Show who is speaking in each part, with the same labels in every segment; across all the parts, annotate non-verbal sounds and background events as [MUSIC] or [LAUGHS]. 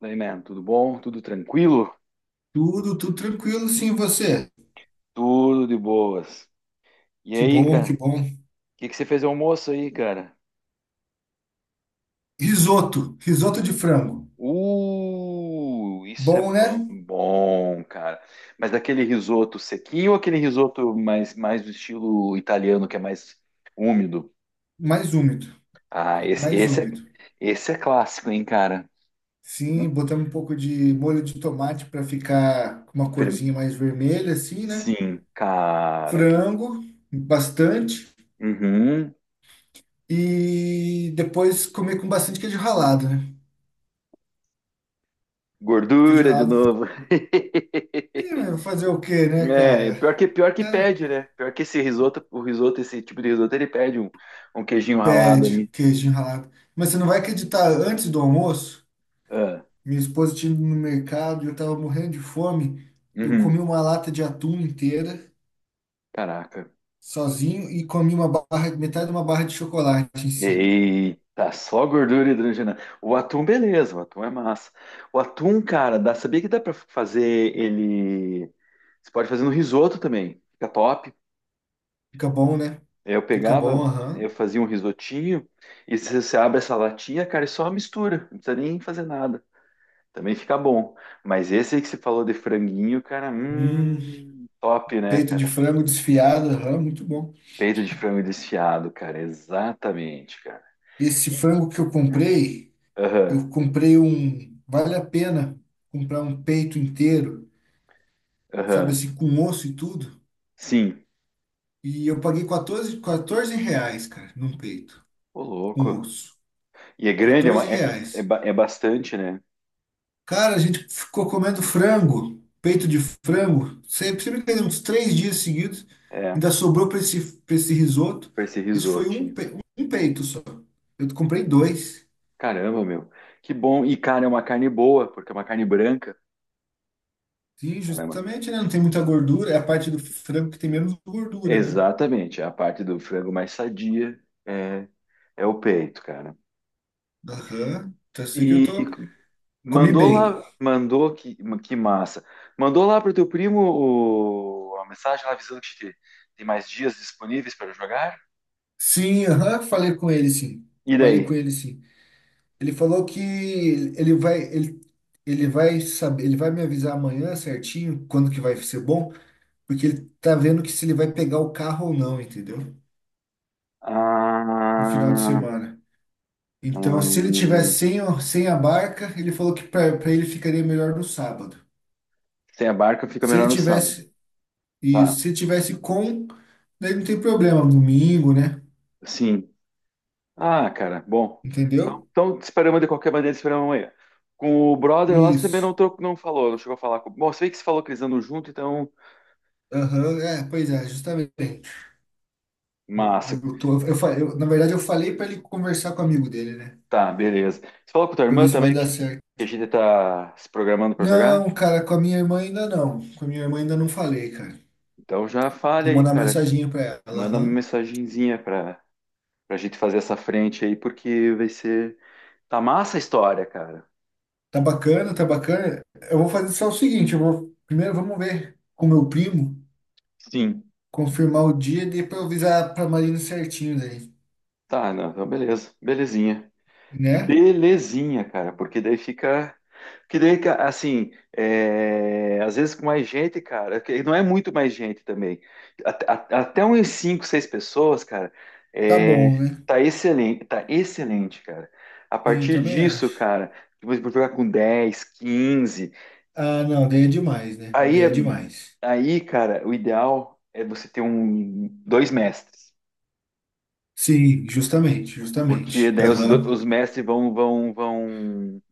Speaker 1: Daí, man, tudo bom? Tudo tranquilo?
Speaker 2: Tudo, tudo tranquilo, sim, você?
Speaker 1: Tudo de boas. E
Speaker 2: Que
Speaker 1: aí,
Speaker 2: bom,
Speaker 1: cara?
Speaker 2: que bom.
Speaker 1: O que que você fez de almoço aí, cara?
Speaker 2: Risoto, risoto de frango.
Speaker 1: Isso é
Speaker 2: Bom,
Speaker 1: bom,
Speaker 2: né?
Speaker 1: bom, cara. Mas daquele risoto sequinho ou aquele risoto mais do estilo italiano, que é mais úmido?
Speaker 2: Mais úmido,
Speaker 1: Ah,
Speaker 2: mais úmido.
Speaker 1: esse é clássico, hein, cara?
Speaker 2: Sim,
Speaker 1: Hum,
Speaker 2: botamos um pouco de molho de tomate para ficar com uma
Speaker 1: fer-
Speaker 2: corzinha mais vermelha, assim, né?
Speaker 1: Sim, cara. Que...
Speaker 2: Frango, bastante.
Speaker 1: Uhum.
Speaker 2: E depois comer com bastante queijo ralado, né? Queijo
Speaker 1: Gordura de
Speaker 2: ralado.
Speaker 1: novo.
Speaker 2: Ih,
Speaker 1: [LAUGHS]
Speaker 2: mas fazer o quê, né,
Speaker 1: É,
Speaker 2: cara?
Speaker 1: pior que
Speaker 2: É.
Speaker 1: pede, né? Pior que esse risoto, esse tipo de risoto, ele pede um queijinho ralado
Speaker 2: Pede
Speaker 1: ali.
Speaker 2: queijo ralado. Mas você não vai acreditar, antes do almoço.
Speaker 1: Ah,
Speaker 2: Minha esposa tinha ido no mercado e eu tava morrendo de fome. Eu comi
Speaker 1: uhum.
Speaker 2: uma lata de atum inteira,
Speaker 1: Caraca.
Speaker 2: sozinho, e comi uma barra, metade de uma barra de chocolate em cima.
Speaker 1: Eita, só gordura hidrogenada. O atum, beleza, o atum é massa. O atum, cara, dá, sabia que dá pra fazer ele. Você pode fazer no risoto também, fica top.
Speaker 2: Fica bom, né?
Speaker 1: Eu
Speaker 2: Fica bom,
Speaker 1: pegava, eu
Speaker 2: aham.
Speaker 1: fazia um risotinho, e você abre essa latinha, cara, e só mistura, não precisa nem fazer nada. Também fica bom. Mas esse aí que você falou de franguinho, cara,
Speaker 2: Hum,
Speaker 1: top, né,
Speaker 2: peito de
Speaker 1: cara?
Speaker 2: frango desfiado, aham, muito bom.
Speaker 1: Peito de frango desfiado, cara, exatamente, cara.
Speaker 2: Esse frango que
Speaker 1: Aham,
Speaker 2: eu comprei um. Vale a pena comprar um peito inteiro, sabe
Speaker 1: aham,
Speaker 2: assim, com osso e tudo.
Speaker 1: sim.
Speaker 2: E eu paguei quatorze reais, cara, num peito,
Speaker 1: Ô, louco.
Speaker 2: com osso.
Speaker 1: E é grande, é, uma-
Speaker 2: quatorze
Speaker 1: é, é, é
Speaker 2: reais.
Speaker 1: ba- é bastante, né?
Speaker 2: Cara, a gente ficou comendo frango, peito de frango, sempre, sempre que uns 3 dias seguidos,
Speaker 1: É,
Speaker 2: ainda sobrou para esse risoto.
Speaker 1: pra esse
Speaker 2: Isso foi um,
Speaker 1: risotinho.
Speaker 2: pe- um peito só. Eu comprei dois.
Speaker 1: Caramba, meu. Que bom. E, cara, é uma carne boa, porque é uma carne branca.
Speaker 2: Sim,
Speaker 1: Ela é uma-
Speaker 2: justamente, né? Não tem muita gordura, é a parte do frango que tem menos gordura, né?
Speaker 1: Exatamente, é a parte do frango mais sadia é, é o peito, cara.
Speaker 2: Aham. Tá assim que eu
Speaker 1: E
Speaker 2: tô. Comi
Speaker 1: Mandou
Speaker 2: bem.
Speaker 1: lá, mandou que massa. Mandou lá pro teu primo a mensagem lá avisando que tem mais dias disponíveis para jogar.
Speaker 2: Sim, aham, falei com ele, sim.
Speaker 1: E
Speaker 2: Falei
Speaker 1: daí?
Speaker 2: com ele, sim. Ele falou que ele vai saber, ele vai me avisar amanhã certinho quando que vai ser bom. Porque ele tá vendo que se ele vai pegar o carro ou não, entendeu? No final de
Speaker 1: Ah,
Speaker 2: semana. Então, se ele tiver
Speaker 1: hum,
Speaker 2: sem a barca, ele falou que para ele ficaria melhor no sábado.
Speaker 1: sem a barca fica
Speaker 2: Se ele
Speaker 1: melhor no sábado.
Speaker 2: tivesse
Speaker 1: Tá,
Speaker 2: isso, se ele tivesse com, daí não tem problema, domingo, né?
Speaker 1: sim. Ah, cara, bom.
Speaker 2: Entendeu?
Speaker 1: Então te esperamos de qualquer maneira, te esperamos amanhã. Com o brother lá, você também não,
Speaker 2: Isso.
Speaker 1: trocou, não falou, não chegou a falar com. Bom, você vê que você falou que eles andam junto, então.
Speaker 2: Aham, é, pois é, justamente. O-
Speaker 1: Massa.
Speaker 2: Eu, tô- eu, fa- eu- na verdade, eu falei para ele conversar com o amigo dele, né?
Speaker 1: Tá, beleza. Você falou com tua
Speaker 2: Para
Speaker 1: irmã
Speaker 2: ver se vai
Speaker 1: também
Speaker 2: dar certo.
Speaker 1: que a gente tá se programando para jogar?
Speaker 2: Não, cara, com a minha irmã ainda não. Com a minha irmã ainda não falei, cara.
Speaker 1: Então já fale
Speaker 2: Vou
Speaker 1: aí,
Speaker 2: mandar uma
Speaker 1: cara.
Speaker 2: mensaginha para ela,
Speaker 1: Manda uma
Speaker 2: aham.
Speaker 1: mensagenzinha pra gente fazer essa frente aí, porque vai ser. Tá massa a história, cara.
Speaker 2: Tá bacana, tá bacana. Eu vou fazer só o seguinte, eu vou primeiro vamos ver com meu primo,
Speaker 1: Sim.
Speaker 2: confirmar o dia e depois eu avisar pra Marina certinho daí,
Speaker 1: Tá, não, então beleza. Belezinha.
Speaker 2: né?
Speaker 1: Belezinha, cara, porque daí fica. Que daí, assim, é, às vezes com mais gente, cara, que não é muito mais gente também. Até uns 5, 6 pessoas, cara,
Speaker 2: Tá
Speaker 1: é,
Speaker 2: bom, né?
Speaker 1: tá excelente, cara. A
Speaker 2: Sim, eu
Speaker 1: partir
Speaker 2: também
Speaker 1: disso,
Speaker 2: acho.
Speaker 1: cara, depois vou jogar com 10, 15.
Speaker 2: Ah, não, daí é demais, né?
Speaker 1: Aí,
Speaker 2: Daí é
Speaker 1: é-
Speaker 2: demais.
Speaker 1: aí, cara, o ideal é você ter um, dois mestres,
Speaker 2: Sim, justamente,
Speaker 1: porque
Speaker 2: justamente.
Speaker 1: daí
Speaker 2: Aham.
Speaker 1: os mestres vão,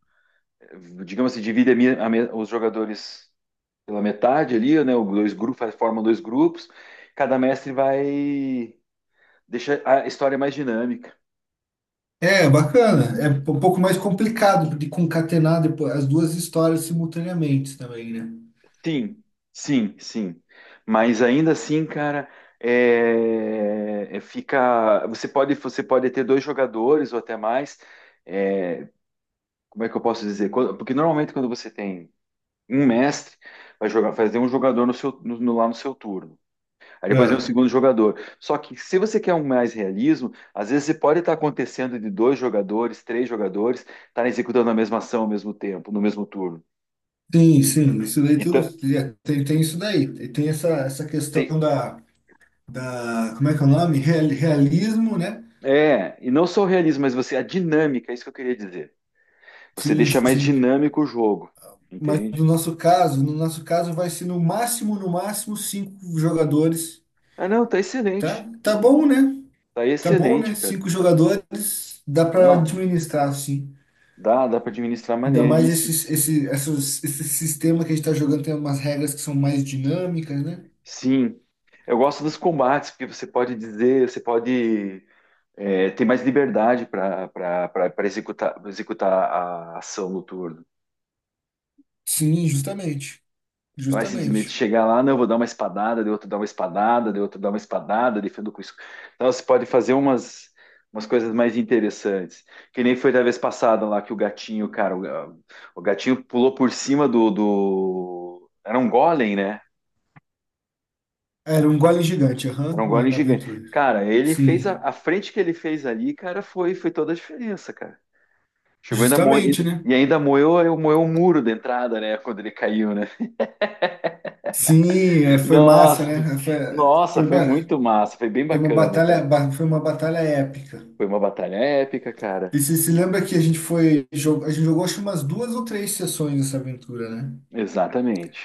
Speaker 1: digamos assim, dividem a mi- a me- os jogadores pela metade ali, né? Os dois grupos, formam dois grupos. Cada mestre vai deixar a história mais dinâmica.
Speaker 2: É, bacana. É um pouco mais complicado de concatenar depois as duas histórias simultaneamente também, né?
Speaker 1: Sim, sim, sim. Mas ainda assim, cara, fica. Você pode ter dois jogadores ou até mais. É, como é que eu posso dizer? Porque normalmente quando você tem um mestre, vai jogar, fazer um jogador no seu, no- no- lá no seu turno. Aí depois vem o
Speaker 2: É.
Speaker 1: segundo jogador. Só que se você quer um mais realismo, às vezes você pode estar acontecendo de dois jogadores, três jogadores, estar executando a mesma ação ao mesmo tempo, no mesmo turno.
Speaker 2: Sim, sim, isso daí tudo
Speaker 1: Então,
Speaker 2: tem isso daí. Tem essa questão
Speaker 1: tem,
Speaker 2: da, como é que é o nome? Realismo, né?
Speaker 1: e não só o realismo, mas você, a dinâmica, é isso que eu queria dizer. Você
Speaker 2: Sim,
Speaker 1: deixa mais
Speaker 2: sim.
Speaker 1: dinâmico o jogo,
Speaker 2: Mas no
Speaker 1: entende?
Speaker 2: nosso caso, no nosso caso vai ser no máximo cinco jogadores,
Speaker 1: Ah, não, tá
Speaker 2: tá?
Speaker 1: excelente.
Speaker 2: Tá bom, né?
Speaker 1: Tá
Speaker 2: Tá bom,
Speaker 1: excelente,
Speaker 2: né?
Speaker 1: cara.
Speaker 2: Cinco jogadores dá para
Speaker 1: Não,
Speaker 2: administrar, sim.
Speaker 1: dá para administrar
Speaker 2: Ainda mais
Speaker 1: maneiríssimo.
Speaker 2: esse sistema que a gente tá jogando tem umas regras que são mais dinâmicas, né?
Speaker 1: Sim, eu gosto dos combates, porque você pode dizer, você pode ter mais liberdade para executar a ação no turno.
Speaker 2: Sim, justamente.
Speaker 1: Não é simplesmente
Speaker 2: Justamente.
Speaker 1: chegar lá, não, vou dar uma espadada, de outro dar uma espadada, de outro dar uma espadada, defendo com isso. Então você pode fazer umas coisas mais interessantes. Que nem foi da vez passada lá que o gatinho, cara, o gatinho pulou por cima do... Era um golem, né?
Speaker 2: Era um gole gigante,
Speaker 1: Era
Speaker 2: aham,
Speaker 1: um
Speaker 2: na,
Speaker 1: gole
Speaker 2: na
Speaker 1: gigante.
Speaker 2: aventura.
Speaker 1: Cara, ele fez a,
Speaker 2: Sim,
Speaker 1: a frente que ele fez ali, cara, foi toda a diferença, cara. Chegou ainda mo-
Speaker 2: justamente, né?
Speaker 1: e ainda moeu o muro da entrada, né? Quando ele caiu, né?
Speaker 2: Sim, é, foi massa,
Speaker 1: Nossa,
Speaker 2: né?
Speaker 1: nossa,
Speaker 2: Foi,
Speaker 1: foi
Speaker 2: ba-
Speaker 1: muito massa, foi bem
Speaker 2: foi uma
Speaker 1: bacana,
Speaker 2: batalha,
Speaker 1: cara.
Speaker 2: foi uma batalha épica.
Speaker 1: Foi uma batalha épica, cara.
Speaker 2: E você se lembra que a gente jogou acho que umas duas ou três sessões dessa aventura, né?
Speaker 1: Exatamente.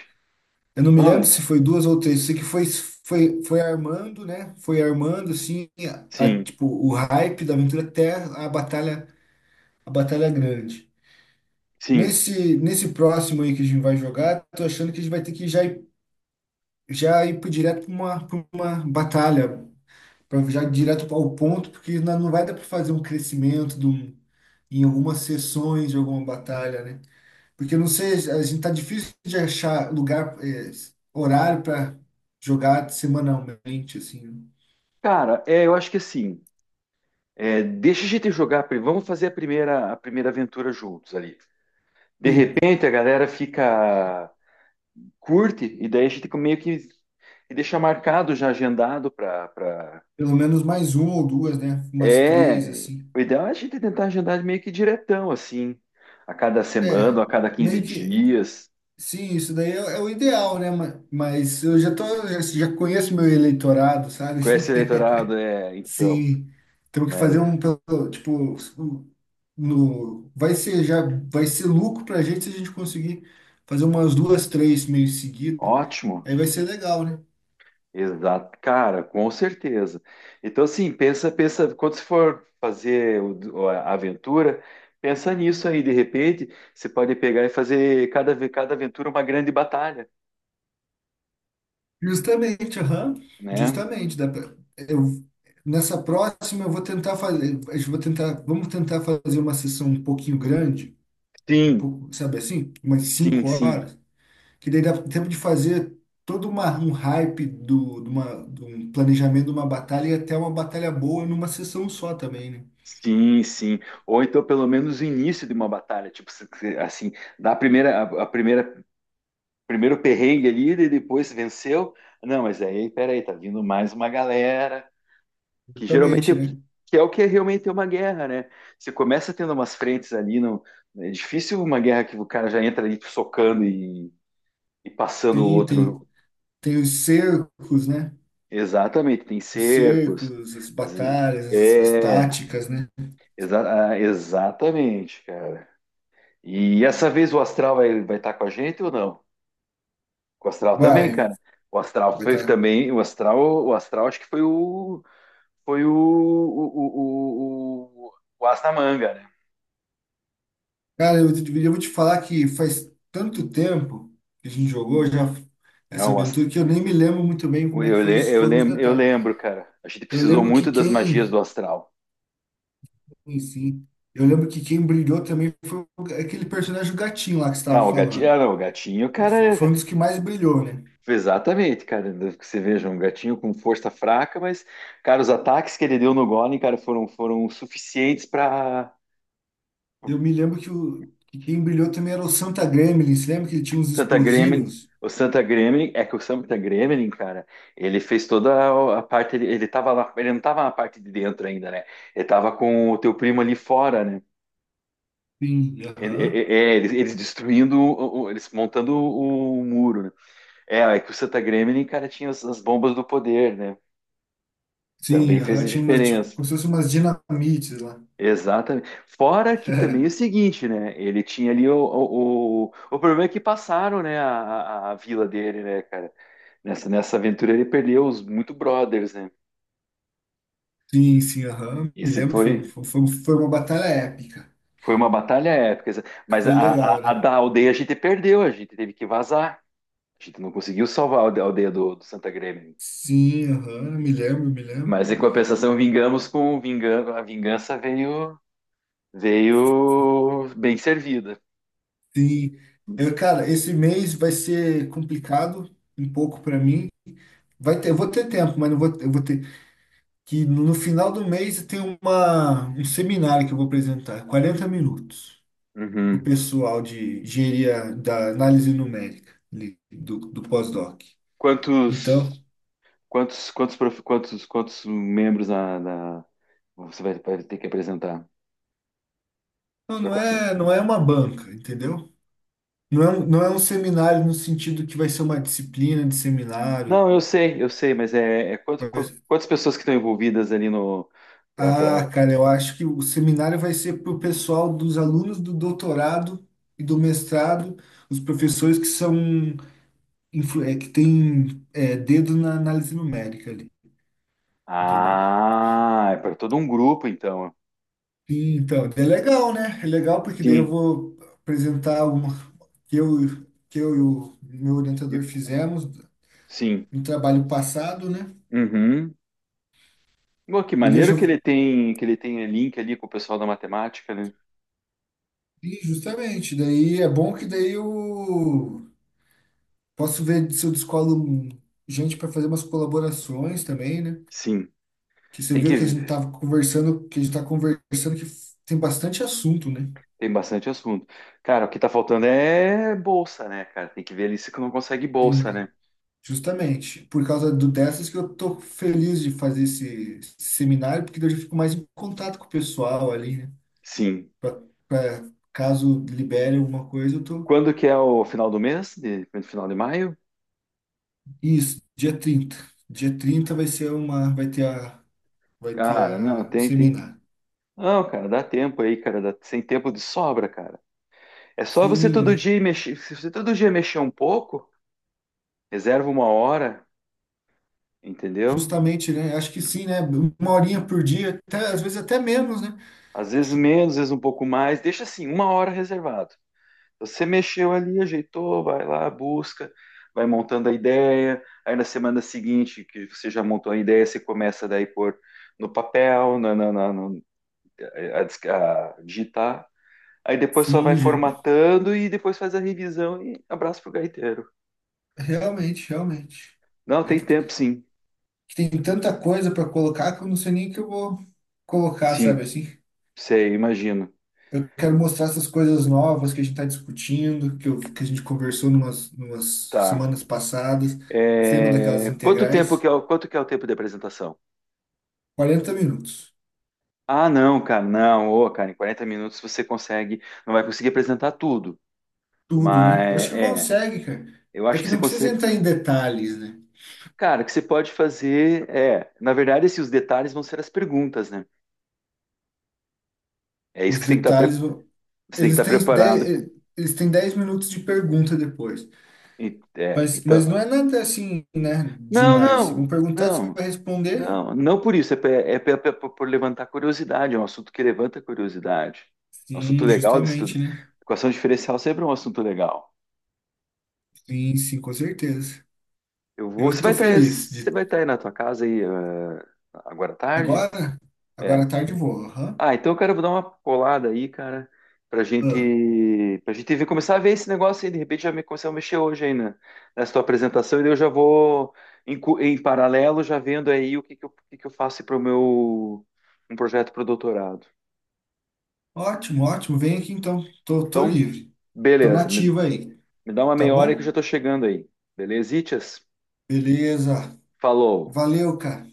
Speaker 2: Eu não me lembro se
Speaker 1: Ah,
Speaker 2: foi duas ou três, sei que foi armando, né? Foi armando, assim,
Speaker 1: sim,
Speaker 2: tipo, o hype da aventura até a batalha grande.
Speaker 1: sim.
Speaker 2: Nesse próximo aí que a gente vai jogar, tô achando que a gente vai ter que já ir, direto pra uma batalha para já ir direto ao ponto, porque não vai dar para fazer um crescimento de um- em algumas sessões de alguma batalha, né? Porque eu não sei, a gente tá difícil de achar lugar, horário para jogar semanalmente, assim, né?
Speaker 1: Cara, eu acho que assim, deixa a gente jogar, vamos fazer a primeira aventura juntos ali. De
Speaker 2: E
Speaker 1: repente a galera fica curte, e daí a gente meio que e deixa marcado já agendado para pra...
Speaker 2: pelo menos mais uma ou duas, né? Umas três,
Speaker 1: É,
Speaker 2: assim.
Speaker 1: o ideal é a gente tentar agendar meio que diretão, assim, a cada semana,
Speaker 2: É,
Speaker 1: ou a cada quinze
Speaker 2: meio que.
Speaker 1: dias.
Speaker 2: Sim, isso daí é o ideal, né? Mas eu já conheço meu eleitorado, sabe?
Speaker 1: Com esse eleitorado,
Speaker 2: [LAUGHS]
Speaker 1: então,
Speaker 2: Sim, temos que
Speaker 1: mas
Speaker 2: fazer um, pelo- tipo, um- no, vai ser já, vai ser lucro pra gente se a gente conseguir fazer umas duas, três meio seguida,
Speaker 1: ótimo,
Speaker 2: aí vai ser legal, né?
Speaker 1: exato, cara, com certeza. Então, assim, pensa, quando você for fazer a aventura, pensa nisso aí, de repente, você pode pegar e fazer cada aventura uma grande batalha,
Speaker 2: Justamente, aham,
Speaker 1: né?
Speaker 2: justamente, dá pra, eu, nessa próxima eu vou tentar fazer, a gente vai tentar, vamos tentar fazer uma sessão um pouquinho grande, um
Speaker 1: Sim,
Speaker 2: pouco, sabe assim, umas
Speaker 1: Sim,
Speaker 2: cinco
Speaker 1: sim,
Speaker 2: horas, que daí dá tempo de fazer todo uma, um hype de um planejamento de uma batalha e até uma batalha boa numa sessão só também, né?
Speaker 1: sim, sim. Ou então, pelo menos, o início de uma batalha. Tipo, assim, da primeira, a primeira, primeiro perrengue ali, e depois venceu. Não, mas aí, peraí, tá vindo mais uma galera, que geralmente é
Speaker 2: Exatamente,
Speaker 1: o que,
Speaker 2: né?
Speaker 1: que é o que é realmente é uma guerra, né? Você começa tendo umas frentes ali, não, é difícil uma guerra que o cara já entra ali socando e passando o
Speaker 2: Sim,
Speaker 1: outro.
Speaker 2: tem os cercos, né?
Speaker 1: Exatamente, tem
Speaker 2: Os
Speaker 1: cercos.
Speaker 2: cercos, as
Speaker 1: Às vezes,
Speaker 2: batalhas, as
Speaker 1: é,
Speaker 2: táticas, né?
Speaker 1: exatamente, E essa vez o astral vai estar com a gente ou não? O astral também,
Speaker 2: Vai,
Speaker 1: cara. O astral
Speaker 2: vai
Speaker 1: foi
Speaker 2: tá.
Speaker 1: também, o astral acho que foi o as da manga, né?
Speaker 2: Cara, eu vou te falar que faz tanto tempo que a gente jogou já essa
Speaker 1: Não,
Speaker 2: aventura que eu nem me lembro muito bem como é que
Speaker 1: eu,
Speaker 2: foi
Speaker 1: le-
Speaker 2: os-
Speaker 1: eu,
Speaker 2: foram os
Speaker 1: lem- eu
Speaker 2: detalhes.
Speaker 1: lembro, cara. A gente
Speaker 2: Eu
Speaker 1: precisou
Speaker 2: lembro que
Speaker 1: muito das magias do
Speaker 2: quem
Speaker 1: astral.
Speaker 2: Sim, sim. Eu lembro que quem brilhou também foi aquele personagem o gatinho lá que você
Speaker 1: Ah,
Speaker 2: estava
Speaker 1: o gatinho, ah,
Speaker 2: falando.
Speaker 1: não, o gatinho,
Speaker 2: Aí
Speaker 1: cara,
Speaker 2: foi um dos que mais brilhou, né?
Speaker 1: exatamente, cara. Que você veja, um gatinho com força fraca, mas, cara, os ataques que ele deu no Golem, cara, foram suficientes para
Speaker 2: Eu me lembro que quem brilhou também era o Santa Gremlin. Você lembra que ele tinha uns
Speaker 1: Santa Gremlin,
Speaker 2: explosivos?
Speaker 1: o Santa Gremlin, é que o Santa Gremlin, cara, ele fez toda a parte, ele tava lá, ele não tava na parte de dentro ainda, né? Ele tava com o teu primo ali fora, né?
Speaker 2: Sim, aham.
Speaker 1: Eles destruindo, eles montando o muro, né? É, é que o Santa Gremlin, cara, tinha as bombas do poder, né?
Speaker 2: Sim,
Speaker 1: Também fez
Speaker 2: aham.
Speaker 1: a
Speaker 2: Tinha umas, tipo,
Speaker 1: diferença.
Speaker 2: como se fossem umas dinamites lá.
Speaker 1: Exatamente. Fora que também é o
Speaker 2: [LAUGHS]
Speaker 1: seguinte, né? Ele tinha ali o problema é que passaram, né, a vila dele, né, cara? Nessa aventura ele perdeu os muito brothers, né?
Speaker 2: Sim, sim, aham. Me
Speaker 1: Esse
Speaker 2: lembro, foi,
Speaker 1: foi,
Speaker 2: foi, foi foi uma batalha épica.
Speaker 1: foi uma batalha épica. Mas
Speaker 2: Foi
Speaker 1: a, a-
Speaker 2: legal,
Speaker 1: a
Speaker 2: né?
Speaker 1: da aldeia a gente perdeu, a gente teve que vazar. A gente não conseguiu salvar a aldeia do Santa Grêmio.
Speaker 2: Sim, aham. Me lembro, me lembro.
Speaker 1: Mas em compensação, vingamos com vingança. A vingança veio, veio bem servida.
Speaker 2: Sim. Eu, cara, esse mês vai ser complicado um pouco para mim. Eu vou ter tempo, mas não vou, eu vou ter que no final do mês tem um seminário que eu vou apresentar, 40 minutos, para o
Speaker 1: Uhum.
Speaker 2: pessoal de engenharia da análise numérica ali, do pós-doc.
Speaker 1: Quantos,
Speaker 2: Então,
Speaker 1: quantos membros você vai ter que apresentar?
Speaker 2: não, não é uma banca, entendeu? Não é um seminário no sentido que vai ser uma disciplina de seminário.
Speaker 1: Não, eu sei, mas
Speaker 2: Vai-
Speaker 1: quantas pessoas que estão envolvidas ali no. Pra,
Speaker 2: Ah,
Speaker 1: pra...
Speaker 2: cara, eu acho que o seminário vai ser para o pessoal dos alunos do doutorado e do mestrado, os professores que são é, que tem é, dedo na análise numérica ali, entendeu?
Speaker 1: Ah, é para todo um grupo, então.
Speaker 2: E, então, é legal, né? É legal porque daí eu
Speaker 1: Sim,
Speaker 2: vou apresentar alguma que eu, que eu e o meu orientador
Speaker 1: e-
Speaker 2: fizemos
Speaker 1: sim.
Speaker 2: no trabalho passado, né?
Speaker 1: Uhum. Pô, que
Speaker 2: E daí eu
Speaker 1: maneiro
Speaker 2: já,
Speaker 1: que ele tem link ali com o pessoal da matemática, né?
Speaker 2: e justamente, daí é bom que daí eu posso ver se eu descolo gente para fazer umas colaborações também, né?
Speaker 1: Sim,
Speaker 2: Que você
Speaker 1: tem que
Speaker 2: viu que a gente tava conversando, que a gente tá conversando que tem bastante assunto, né?
Speaker 1: tem bastante assunto. Cara, o que tá faltando é bolsa, né, cara? Tem que ver ali se não consegue bolsa, né?
Speaker 2: Justamente, por causa dessas que eu tô feliz de fazer esse seminário, porque daí eu já fico mais em contato com o pessoal ali, né?
Speaker 1: Sim.
Speaker 2: Pra, pra caso libere alguma coisa, eu tô.
Speaker 1: Quando que é o final do mês? Final de maio?
Speaker 2: Isso, dia trinta vai ser uma, vai ter
Speaker 1: Cara, não,
Speaker 2: a, o
Speaker 1: tem, tem
Speaker 2: seminário.
Speaker 1: Não, cara, dá tempo aí, cara, sem tempo de sobra, cara. É só você todo
Speaker 2: Sim,
Speaker 1: dia ir mexer, se você todo dia mexer um pouco, reserva uma hora, entendeu?
Speaker 2: justamente, né? Acho que sim, né? Uma horinha por dia, até, às vezes até menos, né?
Speaker 1: Às vezes menos, às vezes um pouco mais, deixa assim, uma hora reservado. Você mexeu ali, ajeitou, vai lá, busca, vai montando a ideia, aí na semana seguinte que você já montou a ideia, você começa daí por no papel, a digitar, aí depois só vai
Speaker 2: Sim, Gê.
Speaker 1: formatando e depois faz a revisão e abraço pro gaiteiro.
Speaker 2: Realmente, realmente.
Speaker 1: Não,
Speaker 2: É
Speaker 1: tem
Speaker 2: que, t-
Speaker 1: tempo, sim.
Speaker 2: que tem tanta coisa para colocar que eu não sei nem o que eu vou colocar, sabe
Speaker 1: Sim,
Speaker 2: assim?
Speaker 1: sei, imagino.
Speaker 2: Eu quero mostrar essas coisas novas que a gente está discutindo, que a gente conversou numas
Speaker 1: Tá.
Speaker 2: semanas passadas. Você lembra daquelas
Speaker 1: É, Quanto tempo
Speaker 2: integrais?
Speaker 1: que é o... Quanto que é o tempo de apresentação?
Speaker 2: 40 minutos.
Speaker 1: Ah, não, cara, não. Ô, cara, em 40 minutos você consegue... Não vai conseguir apresentar tudo.
Speaker 2: Tudo,
Speaker 1: Mas,
Speaker 2: né? Eu acho que
Speaker 1: é...
Speaker 2: consegue, cara.
Speaker 1: Eu
Speaker 2: É
Speaker 1: acho que
Speaker 2: que
Speaker 1: você
Speaker 2: não precisa
Speaker 1: consegue...
Speaker 2: entrar em detalhes, né?
Speaker 1: Cara, o que você pode fazer é... Na verdade, assim, os detalhes vão ser as perguntas, né? É isso
Speaker 2: Os
Speaker 1: que você tem que estar, pre-
Speaker 2: detalhes,
Speaker 1: você tem que
Speaker 2: eles
Speaker 1: estar
Speaker 2: têm 10
Speaker 1: preparado.
Speaker 2: eh, eles têm 10 minutos de pergunta depois.
Speaker 1: É,
Speaker 2: Mas
Speaker 1: então...
Speaker 2: não é nada assim, né?
Speaker 1: Não,
Speaker 2: Demais. Se vão
Speaker 1: não,
Speaker 2: perguntar, você
Speaker 1: não.
Speaker 2: vai responder?
Speaker 1: Não, não por isso, por levantar curiosidade, é um assunto que levanta curiosidade. É um assunto
Speaker 2: Sim,
Speaker 1: legal de
Speaker 2: justamente,
Speaker 1: estudar.
Speaker 2: né?
Speaker 1: Equação diferencial sempre é um assunto legal.
Speaker 2: Sim, sim, com certeza.
Speaker 1: Eu
Speaker 2: Eu
Speaker 1: vou,
Speaker 2: estou feliz de
Speaker 1: você vai estar aí na tua casa aí, agora à tarde?
Speaker 2: Agora? Agora
Speaker 1: É.
Speaker 2: à tarde eu vou. Aham.
Speaker 1: Ah, então, cara, eu vou dar uma colada aí, cara, pra
Speaker 2: Ah,
Speaker 1: gente, pra gente ver, começar a ver esse negócio aí, de repente já me começar a mexer hoje aí nessa tua apresentação, e daí eu já vou, em paralelo, já vendo aí o que que eu faço para o meu, um projeto para o doutorado.
Speaker 2: ótimo, ótimo. Vem aqui então. Tô
Speaker 1: Então,
Speaker 2: livre. Tô
Speaker 1: beleza. Me,
Speaker 2: nativo aí.
Speaker 1: me dá uma
Speaker 2: Tá
Speaker 1: meia hora que eu já
Speaker 2: bom?
Speaker 1: tô chegando aí. Beleza, Itias?
Speaker 2: Beleza.
Speaker 1: Falou.
Speaker 2: Valeu, cara.